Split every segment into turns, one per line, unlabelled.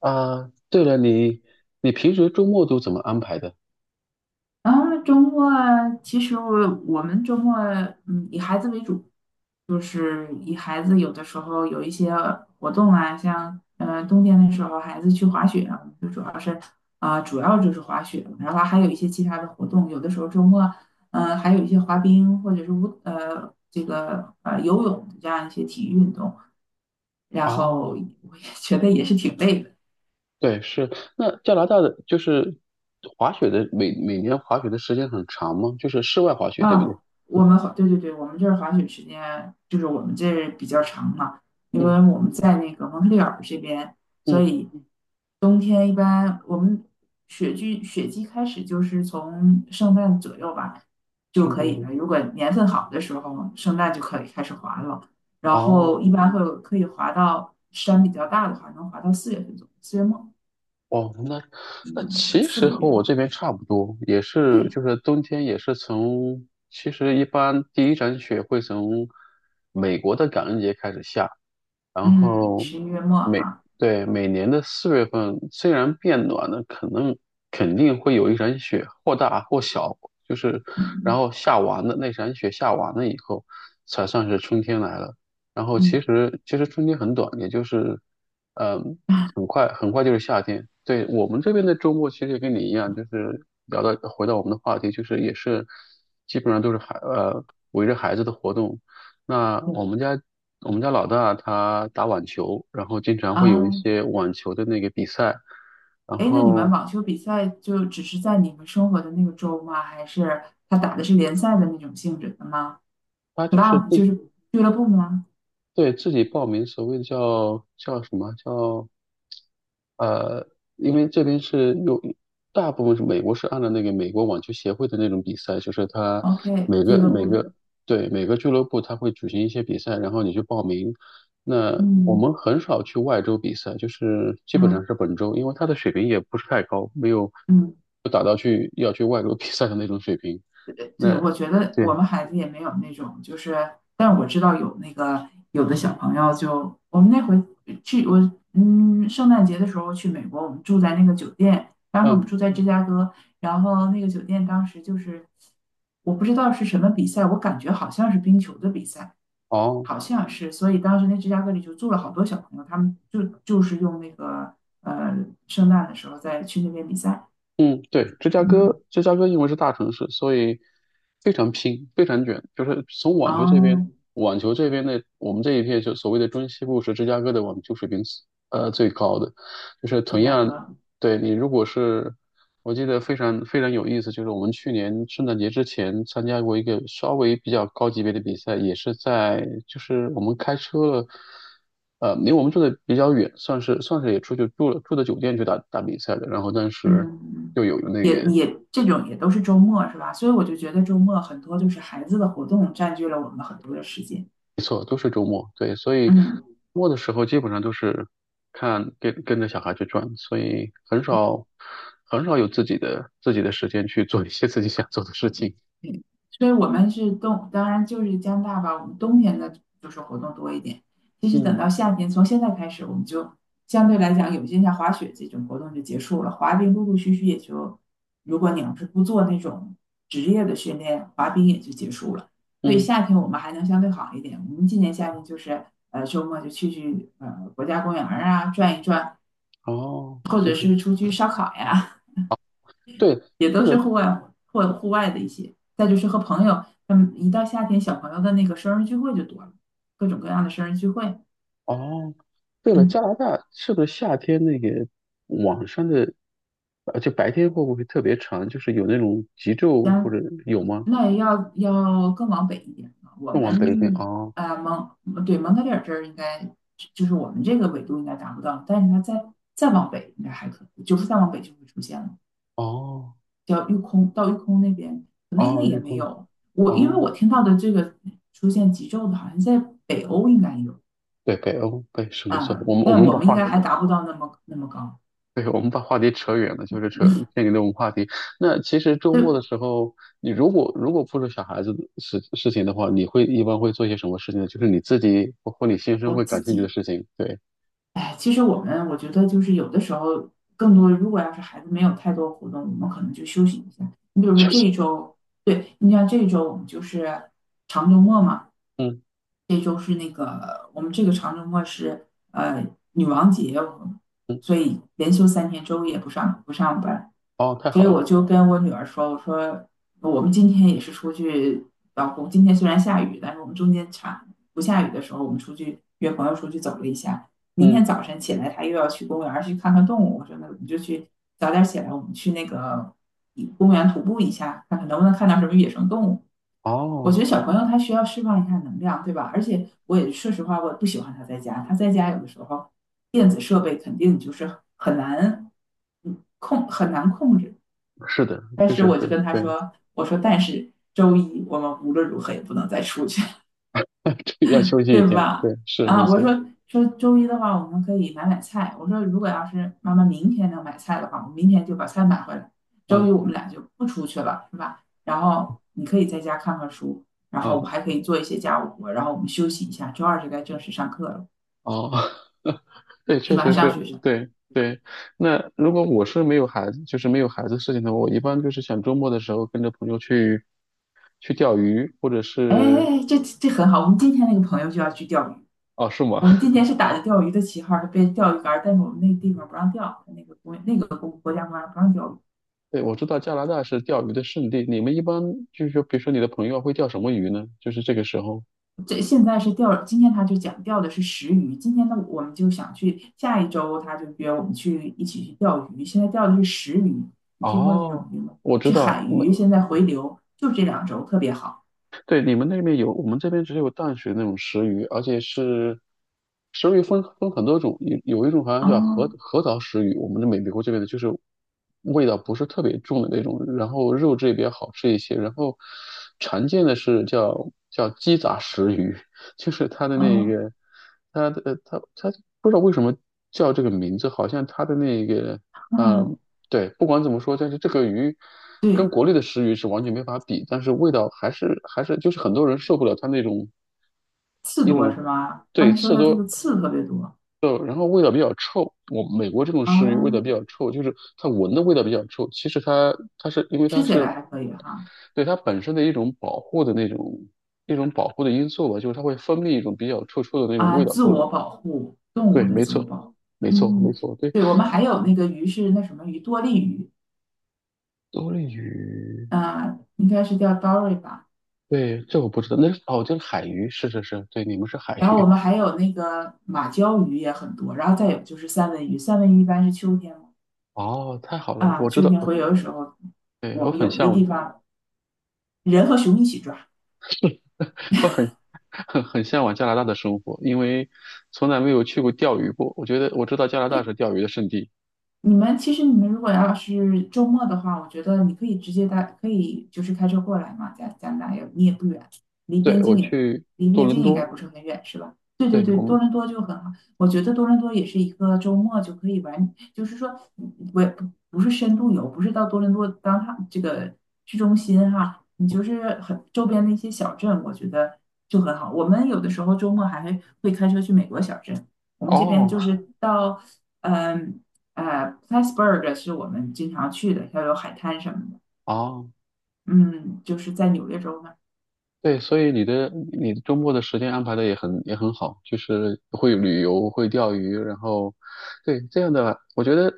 啊，对了，你平时周末都怎么安排的？
啊，周末啊，其实我们周末嗯以孩子为主，就是以孩子有的时候有一些活动啊，像冬天的时候孩子去滑雪啊，我们就主要是主要就是滑雪，然后还有一些其他的活动，有的时候周末还有一些滑冰或者是这个游泳这样一些体育运动，然后
哦，
我也觉得也是挺累的。
对，是。那加拿大的就是滑雪的，每年滑雪的时间很长吗？就是室外滑雪，对不
啊，
对？
我们滑，对对对，我们这儿滑雪时间就是我们这儿比较长嘛，因为
嗯。
我们在那个蒙特利尔这边，所
嗯，
以冬天一般我们雪季开始就是从圣诞左右吧就
圣
可
诞节。
以了。如果年份好的时候，圣诞就可以开始滑了，然
哦。
后一般会有可以滑到山比较大的话，能滑到四月份左右，四月末，
哦,那
嗯，
其
四
实
个月。
和我这边差不多，也是
对，
就是冬天也是从，其实一般第一场雪会从美国的感恩节开始下，然
嗯，
后
十一月末
每
哈，
对每年的四月份，虽然变暖了，可能肯定会有一场雪，或大或小，就是然
嗯
后下完了那场雪下完了以后，才算是春天来了。然后其
嗯。
实其实春天很短，也就是嗯，很快就是夏天。对我们这边的周末，其实也跟你一样，就是聊到回到我们的话题，就是也是基本上都是围着孩子的活动。那我
对
们家我们家老大他打网球，然后经常会有一
啊，
些网球的那个比赛，然
哎，那你们
后
网球比赛就只是在你们生活的那个州吗？还是他打的是联赛的那种性质的吗
他就是
？club 就
自
是俱乐部吗
对自己报名，所谓叫叫什么叫呃，因为这边是有大部分是美国，是按照那个美国网球协会的那种比赛，就是它
？OK，
每
俱
个
乐
每
部的，
个对每个俱乐部它会举行一些比赛，然后你去报名。那我
嗯
们很少去外州比赛，就是基本上
嗯
是本州，因为它的水平也不是太高，没有
嗯。
不达到去要去外州 比赛的那种水平。
对，
那
我觉得我
对，
们孩子也没有那种，就是，但我知道有那个有的小朋友就，我们那回去我嗯，圣诞节的时候去美国，我们住在那个酒店，当时我
嗯，
们住在芝加哥，然后那个酒店当时就是我不知道是什么比赛，我感觉好像是冰球的比赛，
哦。
好像是，所以当时那芝加哥里就住了好多小朋友，他们就是用那个呃圣诞的时候再去那边比赛，
嗯，对，芝加哥，
嗯，
芝加哥因为是大城市，所以非常拼，非常卷。就是从网球这边，
哦，
网球这边的我们这一片，就所谓的中西部是芝加哥的网球水平是最高的，就是
芝
同
加
样
哥，
对你如果是，我记得非常有意思，就是我们去年圣诞节之前参加过一个稍微比较高级别的比赛，也是在就是我们开车了，离我们住的比较远，算是也出去住了，住的酒店去打比赛的，然后但是
嗯。嗯
又有那
也
个，
也这种也都是周末是吧？所以我就觉得周末很多就是孩子的活动占据了我们很多的时间。
没错都是周末，对，所以周
嗯，
末的时候基本上都是看跟着小孩去转，所以很少有自己的时间去做一些自己想做的事情，
对，所以我们是冬，当然就是加拿大吧，我们冬天的就是活动多一点。其实等
嗯。
到夏天，从现在开始，我们就相对来讲，有些像滑雪这种活动就结束了，滑冰陆陆续续也就，如果你要是不做那种职业的训练，滑冰也就结束了。所以
嗯。
夏天我们还能相对好一点。我们今年夏天就是周末就去国家公园儿啊转一转，
哦，
或
就
者
是
是出去烧烤呀，
对，
也都
对
是
了，
户外活或户外的一些。再就是和朋友，他们一到夏天，小朋友的那个生日聚会就多了，各种各样的生日聚会。
哦，对了，
嗯，
加拿大是不是夏天那个晚上的，就白天会不会特别长？就是有那种极昼或
咱
者有吗？
那也要更往北一点啊。我
更往北一点啊，
们
哦。
蒙特利尔这儿应该就是我们这个纬度应该达不到，但是它再往北应该还可以，就是再往北就会出现了，
哦。
叫玉空到玉空那边，可能那
哦，
也
绿
没
空，
有。我因为我
哦，
听到的这个出现极昼的，好像在北欧应该有，
对，北欧，对，是没错，
啊，
我们我
但
们
我
把
们应
话，
该还达不到那么那么高。
对，我们把话题扯远了，就是扯偏离了我们话题。那其实周末的
对
时候，你如果不是小孩子的事情的话，你会一般会做些什么事情呢？就是你自己或或你先生
我
会
自
感兴趣的
己，
事情。对，
哎，其实我觉得就是有的时候，更多如果要是孩子没有太多活动，我们可能就休息一下。你比如说
休
这
息。
一周，对，你像这一周我们就是长周末嘛，
嗯。
这周是那个我们这个长周末是女王节，
嗯。
所以连休三天，周五也不上班。
哦，太
所
好
以
了，
我就跟我女儿说，我说我们今天也是出去，老公今天虽然下雨，但是我们中间差不下雨的时候，我们出去约朋友出去走了一下。明
嗯，
天早晨起来，他又要去公园儿去看看动物。我说那我们就去早点起来，我们去那个公园徒步一下，看看能不能看到什么野生动物。我
哦，
觉得小朋友他需要释放一下能量，对吧？而且我也说实话，我也不喜欢他在家。他在家有的时候电子设备肯定就是很难控，很难控制。
是的，
但
确
是
实
我就
是，
跟他
对，
说，我说但是周一我们无论如何也不能再出去，
这要休 息一
对
天，对，
吧？
是没
啊，我
错，
说说周一的话，我们可以买菜。我说如果要是妈妈明天能买菜的话，我明天就把菜买回来。周一
嗯。
我们俩就不出去了，是吧？然后你可以在家看看书，然后我
嗯。
还可以做一些家务活，然后我们休息一下。周二就该正式上课了，
哦。对，
是
确
吧？
实
上
是，
学去了。
对对。那如果我是没有孩子，就是没有孩子事情的话，我一般就是想周末的时候跟着朋友去去钓鱼，或者
哎哎
是
哎，这这很好。我们今天那个朋友就要去钓鱼，
哦，是吗？
我们今 天是打着钓鱼的旗号，是被钓鱼竿，但是我们那个地方不让钓，那个国那个国国家不让钓鱼。
对，我知道加拿大是钓鱼的圣地。你们一般就是说，比如说你的朋友会钓什么鱼呢？就是这个时候。
这现在是钓，今天他就讲钓的是食鱼，今天呢我们就想去，下一周他就约我们去一起去钓鱼。现在钓的是食鱼，你听过这种
哦，
鱼吗？
我知
是
道，
海鱼，现在回流，就这两周特别好。
对，你们那边有，我们这边只有淡水那种石鱼，而且是石鱼分很多种，有有一种好像叫核
哦
核桃石鱼，我们的美国这边的就是味道不是特别重的那种，然后肉质也比较好吃一些，然后常见的是叫鸡杂石鱼，就是它的那
哦
个，它的呃它它不知道为什么叫这个名字，好像它的那个。啊。
嗯，
对，不管怎么说，但是这个鱼跟
对，
国内的食鱼是完全没法比，但是味道还是就是很多人受不了它那种
刺
一
多是
种
吧？他
对
们说
刺
它这
多
个刺特别多
肉，然后味道比较臭。我美国这种食鱼味道比
啊，
较臭，就是它闻的味道比较臭。其实它是因为它
吃起
是
来还可以哈。
对它本身的一种保护的那种一种保护的因素吧，就是它会分泌一种比较臭臭的那种
啊，
味道
自
出来。
我保护，动物
对，
的
没
自我
错，
保护。
没错，没
嗯，
错，对，
对，我们还有那个鱼是那什么鱼，多利鱼，
多利鱼。
啊，应该是叫 dory 吧。
对，这我不知道，那是哦，就是海鱼，是是是，对，你们是海
然后我
鱼，
们还有那个马鲛鱼也很多，然后再有就是三文鱼，三文鱼一般是秋天嘛，
哦，太好了，
啊，
我知
秋
道，
天
我
洄游的时候，
对
我
我
们
很
有一个
向
地
往，
方人和熊一起抓。
我很很向往加拿大的生活，因为从来没有去过钓鱼过，我觉得我知道加拿大是钓鱼的圣地，
你们其实你们如果要是周末的话，我觉得你可以直接带，可以就是开车过来嘛，加加拿大也你也不远，离
对，
边
我
境也
去
离
多
边
伦
境应该
多，
不是很远，是吧？对对
对
对，
我
多
们，
伦多就很好，我觉得多伦多也是一个周末就可以玩，就是说嗯我也不不是深度游，不是到多伦多当它这个市中心哈，你就是很周边的一些小镇，我觉得就很好。我们有的时候周末还会开车去美国小镇。我们这边
哦。
就是到，嗯、Plattsburg 是我们经常去的，要有海滩什么的。
哦。
嗯，就是在纽约州那
对，所以你的周末的时间安排的也很好，就是会旅游，会钓鱼，然后对这样的，我觉得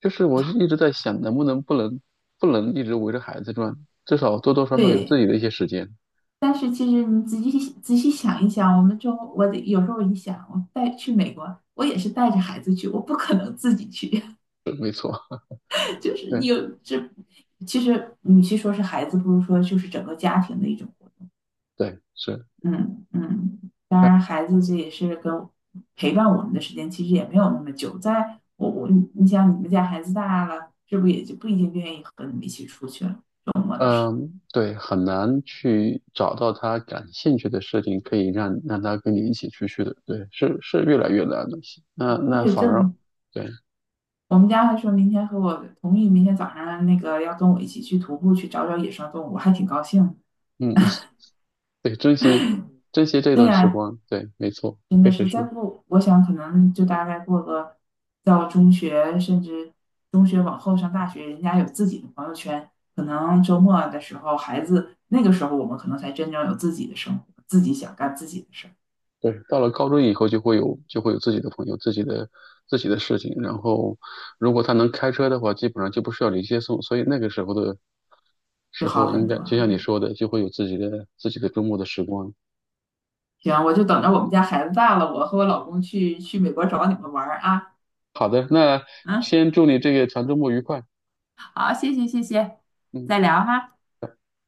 就是我是一直在想，能不能一直围着孩子转，至少多多少少有自
对，
己的一些时间。
但是其实你仔细想一想，我们中我得有时候一想，我带去美国，我也是带着孩子去，我不可能自己去，就是
对，
有这。其实，与其说是孩子，不如说就是整个家庭的一种
对是，
嗯嗯，当然，孩子这也是跟陪伴我们的时间其实也没有那么久。在我我你想，你们家孩子大了，是不是也就不一定愿意和你们一起出去了？
嗯，对，很难去找到他感兴趣的事情，可以让他跟你一起出去的。对，是是越来越难了。那那
对，
反
这
而，对，
我们家还说明天和我同意，明天早上那个要跟我一起去徒步，去找找野生动物，我还挺高兴。
嗯，对，珍惜这
对
段时
呀、
光。对，没错，
真的
确实
是再
是。
过，我想可能就大概过个到中学，甚至中学往后上大学，人家有自己的朋友圈，可能周末的时候，孩子那个时候我们可能才真正有自己的生活，自己想干自己的事儿，
对，到了高中以后就会有自己的朋友、自己的自己的事情，然后如果他能开车的话，基本上就不需要你接送，所以那个时候的
就
时候
好
应
很
该
多。
就像你说的，就会有自己的自己的周末的时光。
行，我就等着我们家孩子大了，我和我老公去美国找你们玩儿啊。
好的，那
嗯，
先祝你这个长周末愉快。
好，谢谢谢谢，
嗯。
再聊哈。